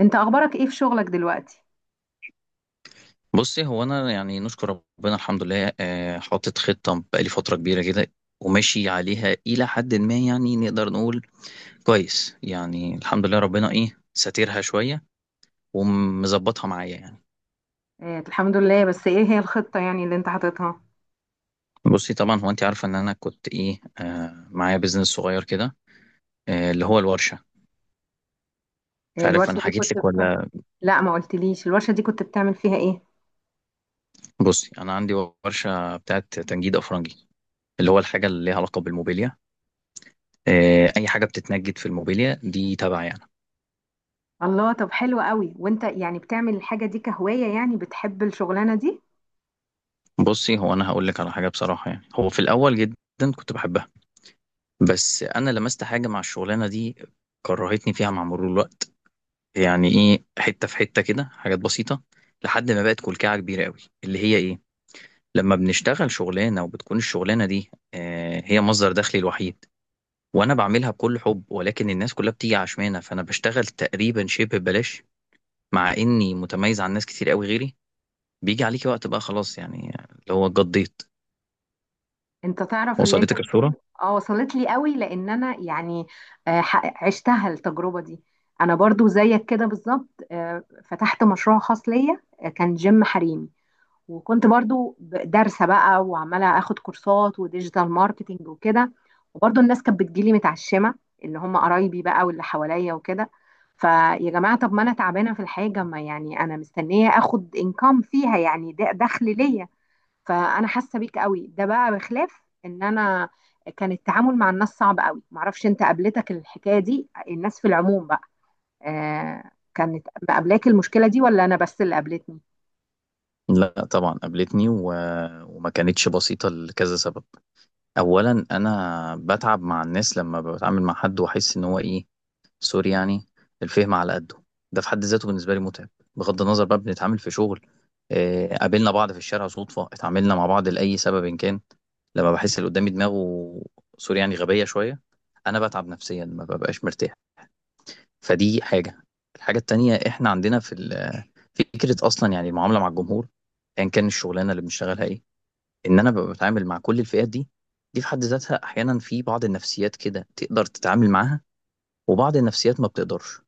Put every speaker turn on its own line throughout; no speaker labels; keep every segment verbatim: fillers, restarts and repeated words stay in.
انت اخبارك ايه في شغلك دلوقتي؟
بُصّي، هو أنا يعني نشكر ربنا الحمد لله آآ حاطط خطة بقى لي فترة كبيرة كده وماشي عليها إلى حدٍ ما يعني نقدر نقول كويس، يعني الحمد لله ربنا إيه، ساترها شوية ومضبّطها معايا يعني.
آه، الحمد لله. بس ايه هي الخطة يعني اللي انت حاططها؟
بُصّي، طبعًا هو أنتِ عارفة إن أنا كنت إيه، آآ معايا business صغير كده، آآ اللي هو الورشة. مش
آه،
عارف أنا
الورشة دي
حكيت
كنت
لِك
بتاع...
والّا.
لا، ما قلتليش الورشة دي كنت بتعمل فيها ايه.
بُصّي، أنا عندي ورشة بتاعة تنجيد أفرنجي، اللي هو الحاجة اللي ليها علاقة بالموبيليا. آآ أي حاجة بتتنجد في الموبيليا دي تبعي أنا.
الله، طب حلو قوي. وانت يعني بتعمل الحاجة دي كهواية؟ يعني بتحب الشغلانة دي؟
بصي، هو انا هقول لك على حاجه بصراحه. يعني هو في الاول جدا كنت بحبها، بس انا لمست حاجه مع الشغلانه دي كرهتني فيها مع مرور الوقت. يعني ايه، حته في حته كده، حاجات بسيطه لحد ما بقت كلكعه كبيره قوي، اللي هي ايه، لما بنشتغل شغلانه وبتكون الشغلانه دي آه هي مصدر دخلي الوحيد، وانا بعملها بكل حب، ولكن الناس كلها بتيجي عشمانه، فانا بشتغل تقريبا شبه ببلاش، مع اني متميز عن ناس كتير قوي غيري. بيجي عليكي وقت بقى خلاص يعني اللي هو اتقضيت.
انت تعرف اللي انت
وصلتك الصوره.
بتقول اه، وصلت لي قوي، لان انا يعني آه، ح- عشتها التجربة دي. انا برضو زيك كده بالظبط. آه، فتحت مشروع خاص ليا، آه، كان جيم حريمي. وكنت برضو ب- دارسة بقى وعمالة اخد كورسات وديجيتال ماركتينج وكده. وبرضو الناس كانت بتجيلي متعشمة، اللي هم قرايبي بقى واللي حواليا وكده. فيا جماعة، طب ما انا تعبانة في الحاجة، ما يعني انا مستنية اخد انكم فيها، يعني ده دخل ليا. فانا حاسة بيك قوي. ده بقى بخلاف ان انا كان التعامل مع الناس صعب قوي. معرفش انت قابلتك الحكاية دي، الناس في العموم بقى، آه، كانت مقابلاك المشكلة دي، ولا انا بس اللي قابلتني؟
لا طبعا قابلتني و... وما كانتش بسيطة لكذا سبب. أولا أنا بتعب مع الناس لما بتعامل مع حد وأحس إن هو إيه، سوري يعني، الفهم على قده. ده في حد ذاته بالنسبة لي متعب، بغض النظر بقى بنتعامل في شغل. آه، قابلنا بعض في الشارع صدفة، اتعاملنا مع بعض لأي سبب إن كان، لما بحس اللي قدامي دماغه، سوري يعني، غبية شوية، أنا بتعب نفسيا، ما ببقاش مرتاح. فدي حاجة. الحاجة التانية، إحنا عندنا في ال... فكره اصلا يعني المعامله مع الجمهور ايا كان الشغلانه اللي بنشتغلها ايه، ان انا ببقى بتعامل مع كل الفئات دي. دي في حد ذاتها احيانا في بعض النفسيات كده تقدر تتعامل معاها، وبعض النفسيات ما بتقدرش.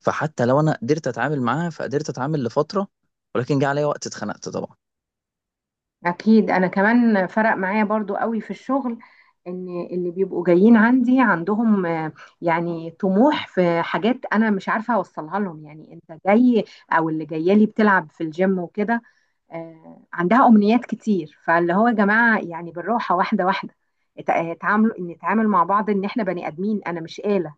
فحتى لو انا قدرت اتعامل معاها فقدرت اتعامل لفتره، ولكن جه عليا وقت اتخنقت طبعا.
أكيد. أنا كمان فرق معايا برضو قوي في الشغل، إن اللي بيبقوا جايين عندي عندهم آه، يعني طموح في حاجات أنا مش عارفة أوصلها لهم. يعني أنت جاي أو اللي جاية لي بتلعب في الجيم وكده، آه، عندها أمنيات كتير. فاللي هو يا جماعة، يعني بالراحة، واحدة واحدة، اتع- اتعاملوا إن نتعامل مع بعض إن إحنا بني آدمين، أنا مش آلة.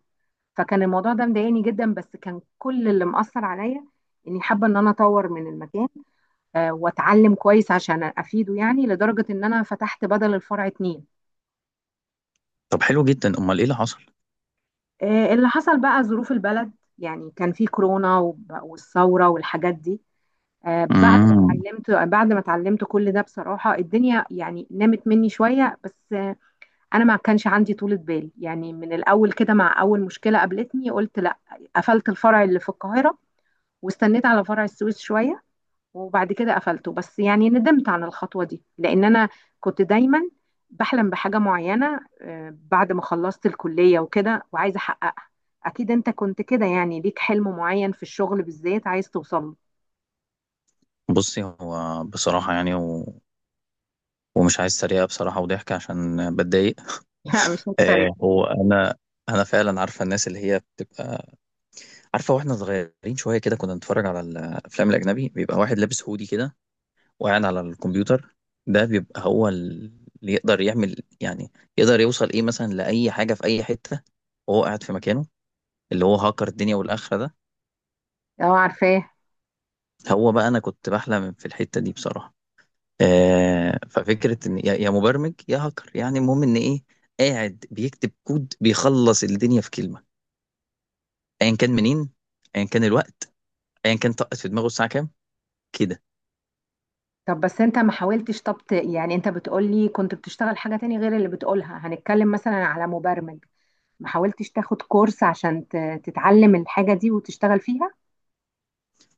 فكان الموضوع ده مضايقني جدا. بس كان كل اللي مأثر عليا إني حابة إن أنا أطور من المكان، آه، واتعلم كويس عشان افيده، يعني لدرجه ان انا فتحت بدل الفرع اتنين.
طب حلو جدا، امال ايه اللي حصل؟
آه، اللي حصل بقى ظروف البلد. يعني كان في كورونا وب- والثوره والحاجات دي. آه، بعد ما
امم
اتعلمت بعد ما اتعلمت كل ده، بصراحه الدنيا يعني نامت مني شويه. بس آه، انا ما كانش عندي طولة بال، يعني من الاول كده مع اول مشكله قابلتني قلت لا. قفلت الفرع اللي في القاهره، واستنيت على فرع السويس شويه، وبعد كده قفلته. بس يعني ندمت عن الخطوة دي، لأن أنا كنت دايما بحلم بحاجة معينة. آه، بعد ما خلصت الكلية وكده، وعايزة أحققها. أكيد أنت كنت كده، يعني ليك حلم معين في الشغل بالذات عايز توصل له.
بصي، هو بصراحه يعني و... ومش عايز سريعه بصراحه وضحك عشان بتضايق.
لا، مش هتريق.
آه، هو انا انا فعلا عارفه الناس اللي هي بتبقى عارفة. واحنا صغيرين شوية كده كنا نتفرج على الأفلام الأجنبي، بيبقى واحد لابس هودي كده وقاعد على الكمبيوتر، ده بيبقى هو اللي يقدر يعمل يعني، يقدر يوصل إيه مثلا لأي حاجة في أي حتة وهو قاعد في مكانه، اللي هو هاكر الدنيا والآخرة ده.
أه، عارفاه.
هو بقى أنا كنت بحلم في الحتة دي بصراحة. آه، ففكرة إن يا يا مبرمج يا هاكر، يعني المهم إن إيه، قاعد بيكتب كود بيخلص الدنيا في كلمة، أيا كان منين، أيا كان الوقت، أيا كان طقت في دماغه الساعة كام، كده.
طب بس أنت ما حاولتش؟ طب ت- يعني أنت بتقولي كنت بتشتغل حاجة تاني غير اللي بتقولها، هنتكلم مثلا على مبرمج، ما حاولتش تاخد كورس عشان ت- تتعلم الحاجة دي وتشتغل فيها؟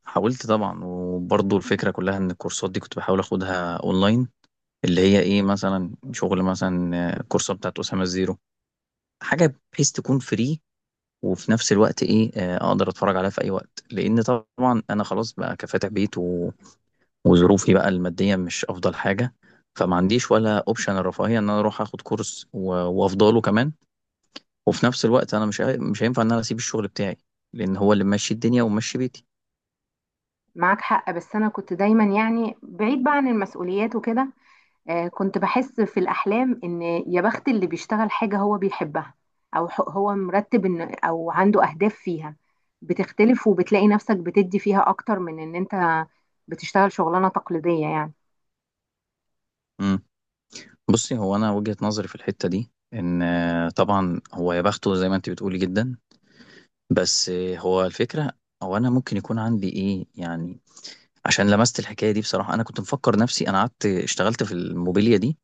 حاولت طبعا، وبرضه الفكرة كلها ان الكورسات دي كنت بحاول اخدها اونلاين، اللي هي ايه مثلا شغل مثلا آه، الكورسات بتاعت أسامة الزيرو، حاجة بحيث تكون فري، وفي نفس الوقت ايه، آه، اقدر اتفرج عليها في اي وقت، لان طبعا انا خلاص بقى كفاتح بيت و... وظروفي بقى المادية مش افضل حاجة. فما عنديش ولا اوبشن الرفاهية ان انا اروح اخد كورس و... وافضله كمان، وفي نفس الوقت انا مش هي- مش هينفع ان انا اسيب الشغل بتاعي، لان هو اللي ماشي الدنيا وماشي بيتي.
معاك حق. بس انا كنت دايما يعني بعيد بقى عن المسؤوليات وكده. آه، كنت بحس في الاحلام ان يا بخت اللي بيشتغل حاجه هو بيحبها، او ح- هو مرتب ان او عنده اهداف فيها، بتختلف وبتلاقي نفسك بتدي فيها اكتر من ان انت بتشتغل شغلانه تقليديه يعني.
بصي، هو انا وجهة نظري في الحتة دي ان آه، طبعا هو يا بخته زي ما انت بتقولي جدا، بس آه، هو الفكرة، او انا ممكن يكون عندي ايه يعني، عشان لمست الحكاية دي بصراحة. انا كنت مفكر نفسي، انا قعدت اشتغلت في الموبيليا دي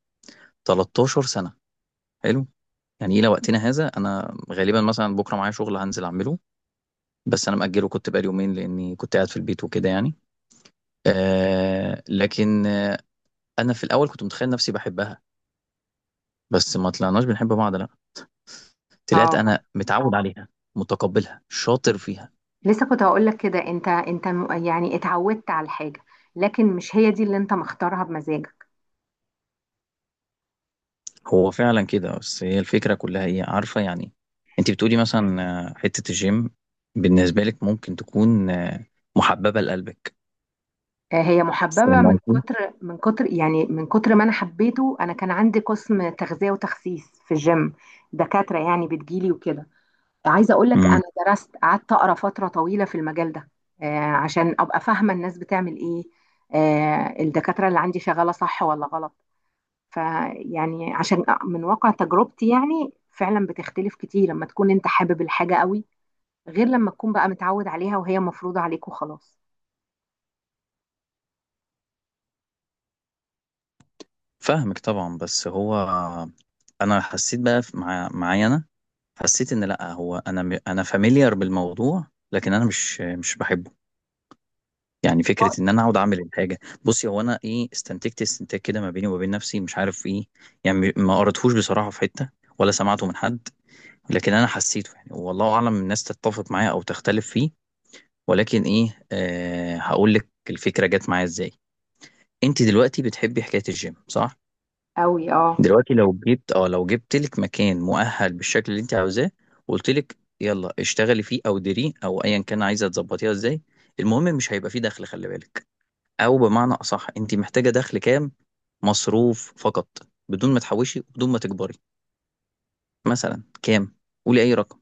13 سنة. حلو. يعني الى وقتنا هذا انا غالبا مثلا بكرة معايا شغل هنزل اعمله، بس انا مأجله كنت بقالي يومين لاني كنت قاعد في البيت وكده يعني. آه، لكن آه، انا في الاول كنت متخيل نفسي بحبها، بس ما طلعناش بنحب بعض. طلعت
اه،
انا متعود عليها، متقبلها، شاطر فيها.
لسه كنت هقول لك كده. انت انت م- يعني اتعودت على الحاجه، لكن مش هي دي اللي انت مختارها بمزاجك.
هو فعلا كده، بس هي الفكره كلها ايه عارفه يعني. انت بتقولي مثلا آه، حته الجيم بالنسبه لك ممكن تكون آه، محببه لقلبك.
آه، هي محببة.
فاهم
من
قصدي؟
كتر، من كتر، يعني من كتر ما أنا حبيته، أنا كان عندي قسم تغذية وتخسيس في الجيم. دكاترة يعني بتجيلي وكده. عايزة أقول لك
امم
أنا درست، قعدت أقرأ فترة طويلة في المجال ده، آه، عشان أبقى فاهمة الناس بتعمل إيه، آه، الدكاترة اللي عندي شغالة صح ولا غلط. فيعني عشان من واقع تجربتي، يعني فعلا بتختلف كتير لما تكون أنت حابب الحاجة قوي، غير لما تكون بقى متعود عليها وهي مفروضة عليك وخلاص.
فاهمك طبعا، بس هو انا حسيت بقى في- مع معايا، انا حسيت ان لا، هو انا م- انا فاميليار بالموضوع، لكن انا مش مش بحبه. يعني فكرة إن أنا أقعد أعمل الحاجة. بُصّي، هو أنا إيه، استنتجت استنتاج كده ما بيني وما بين نفسي، مش عارف إيه، يعني ما قريتهوش بصراحة في حتّة ولا سمعته من حد، لكن أنا حسّيته يعني، والله أعلم الناس تتّفق معايا أو تختلف فيه، ولكن إيه، آآ هاقول لِك الفكرة جات معايا إزاي. أنتِ دلوقتي بتحبّي حكاية الgym صح؟
قوي اه.
دلوقتي لو جيت آه، لو جِبت لِك مكان مؤهَّل بالشكل اللي أنتِ عاوزاه وقُلت لِك يالّا اشتغلي فيه أو ديريه أو أيًا كان عايزة تضبّطيها إزاي، المهم مش هيبقى في دَخْل، خلّي بالِك. او بمعنى اصح انت محتاجه دخل كام، مصروف فقط، بدون ما تحوشي وبدون ما تكبري، مثلا كام؟ قولي اي رقم.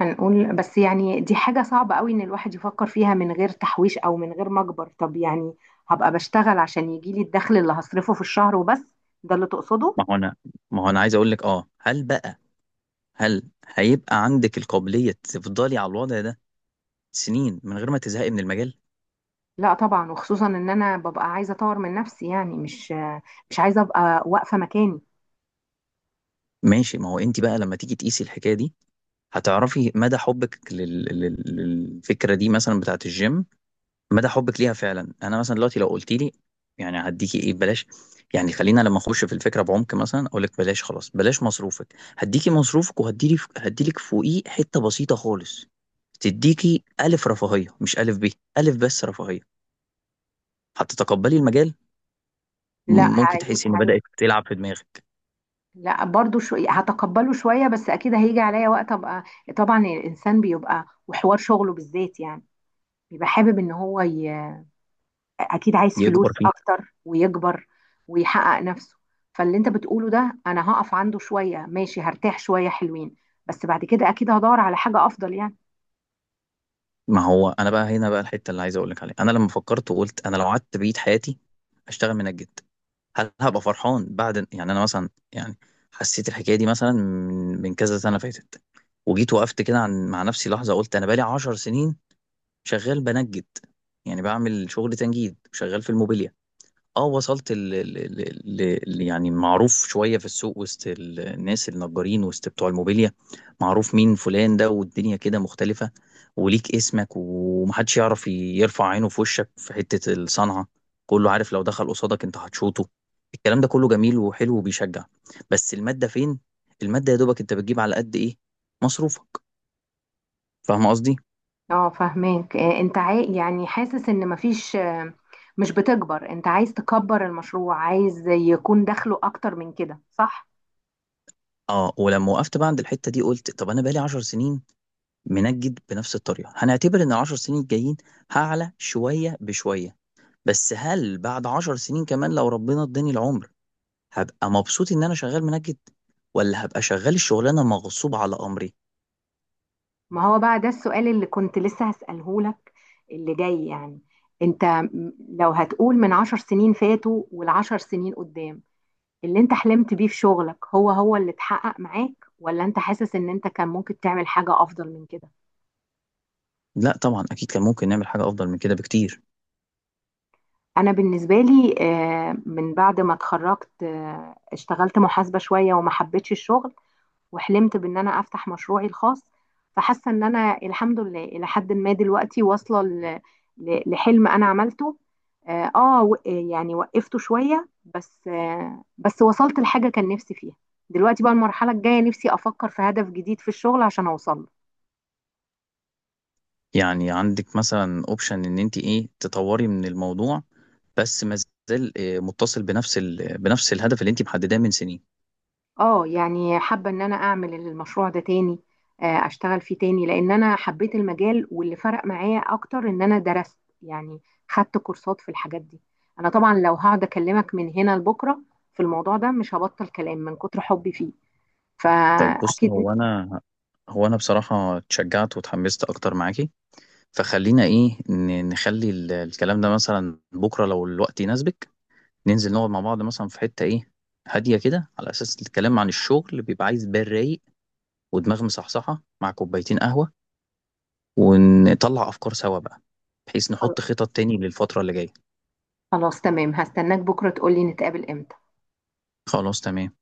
هنقول بس يعني دي حاجة صعبة قوي ان الواحد يفكر فيها من غير تحويش او من غير مجبر. طب يعني هبقى بشتغل عشان يجيلي الدخل اللي هصرفه في الشهر وبس؟ ده اللي تقصده؟
ما هو انا ما هو انا عايز اقول لك اه، هل بقى، هل هيبقى عندك القابليه تفضلي على الوضع ده سنين من غير ما تزهقي من المجال؟
لا طبعا، وخصوصا ان انا ببقى عايزة اطور من نفسي، يعني مش مش عايزة ابقى واقفة مكاني.
ماشي. ما هو انت بقى لما تيجي تقيسي الحكايه دي هتعرفي مدى حبك لل... لل... للفكره دي مثلا بتاعت الجيم، مدى حبك ليها فعلا. انا مثلا دلوقتي لو قلت لي يعني هديكي ايه ببلاش، يعني خلينا لما اخش في الفكره بعمق مثلا، اقول لك بلاش خلاص، بلاش مصروفك، هديكي مصروفك وهديلي هديلك فوقيه حته بسيطه خالص، تديكي الف رفاهيه، مش الف ب، الف بس رفاهيه. هتتقبلي المجال؟
لا هي...
ممكن تحسي ان
هي...
بدات تلعب في دماغك؟
لا برضو شو... هتقبله شوية، بس اكيد هيجي عليا وقت ابقى، طبعا الانسان بيبقى وحوار شغله بالذات يعني، بيبقى حابب ان هو ي... اكيد عايز
يكبر
فلوس
فيه.
اكتر ويكبر ويحقق نفسه. فاللي انت بتقوله ده، انا هقف عنده شوية، ماشي، هرتاح شوية حلوين، بس بعد كده اكيد هدور على حاجة افضل يعني.
ما هو انا بقى هنا بقى الحته اللي عايز اقول لك عليها، انا لما فكرت وقلت انا لو قعدت بقيت حياتي اشتغل منجد، هل هبقى فرحان بعد؟ يعني انا مثلا يعني حسيت الحكايه دي مثلا من من كذا سنه فاتت، وجيت وقفت كده عن مع نفسي لحظه، قلت انا بقالي عشر سنين شغال بنجد، يعني بعمل شغل تنجيد، شغال في الموبيليا، اه وصلت ل... ل... ل... ل... يعني معروف شوية في السوق وسط الناس النجارين، وسط بتوع الموبيليا، معروف مين فلان ده، والدنيا كده مختلفة وليك اسمك، ومحدش يعرف ي- يرفع عينه في وشك في حتة الصنعة، كله عارف لو دخل قصادك انت هتشوطه. الكلام ده كله جميل وحلو وبيشجع، بس المادة فين؟ المادة يا دوبك انت بتجيب على قد ايه؟ مصروفك. فاهم قصدي؟
اه فاهماك. آه، انت عاي... يعني حاسس ان مفيش آه، مش بتكبر، انت عايز تكبر المشروع، عايز يكون دخله اكتر من كده، صح؟
اه، ولما وقفت بقى عند الحتة دي قلت طب انا بقالي 10 سنين منجد بنفس الطريقه، هنعتبر ان العشر سنين الجايين هعلى شويه بشويه، بس هل بعد عشر سنين كمان لو ربنا اداني العمر هبقى مبسوط ان انا شغال منجد، ولا هبقى شغال الشغلانه مغصوب على امري؟
ما هو بقى ده السؤال اللي كنت لسه هسأله لك اللي جاي يعني. انت م- لو هتقول من عشر سنين فاتوا والعشر سنين قدام، اللي انت حلمت بيه في شغلك هو هو اللي اتحقق معاك، ولا انت حاسس ان انت كان ممكن تعمل حاجة افضل من كده؟
لا طبعا، اكيد كان ممكن نعمل حاجه افضل من كده بكتير.
انا بالنسبة لي، آه، من بعد ما اتخرجت، آه، اشتغلت محاسبة شوية وما حبيتش الشغل، وحلمت بان انا افتح مشروعي الخاص. فحاسة ان انا الحمد لله الى حد ما دلوقتي واصلة ل- ل- لحلم انا عملته. اه آه، و- آه، يعني وقفته شوية، بس آه، بس وصلت لحاجة كان نفسي فيها. دلوقتي بقى المرحلة الجاية نفسي افكر في هدف جديد في الشغل عشان اوصل له.
يعني عندك مثلا اوبشن ان انت ايه، تطوري من الموضوع، بس ما زال آه، متصل بنفس ال... بنفس الهدف اللي انت محدداه من سنين.
اه يعني حابة ان انا اعمل المشروع ده تاني، آه، اشتغل فيه تاني، لان انا حبيت المجال. واللي فرق معايا اكتر ان انا درست يعني، خدت كورسات في الحاجات دي. انا طبعا لو هقعد اكلمك من هنا لبكرة في الموضوع ده مش هبطل كلام من كتر حبي فيه.
طيب بصي،
فاكيد.
هو انا هو انا بصراحه اتشجعت واتحمست اكتر معاكي. فخلينا ايه، ن- نخلي ال- الكلام ده مثلا بكره لو الوقت يناسبك ننزل نقعد مع بعض مثلا في حته ايه هاديه كده، على اساس الكلام عن الشغل بيبقى عايز بال رايق ودماغ مصحصحه مع كوبايتين قهوه، ونطلع افكار سوا بقى، بحيث نحط خطط تاني للفتره اللي جايه.
خلاص تمام، هستناك بكرة تقولي نتقابل امتى.
خلاص تمام.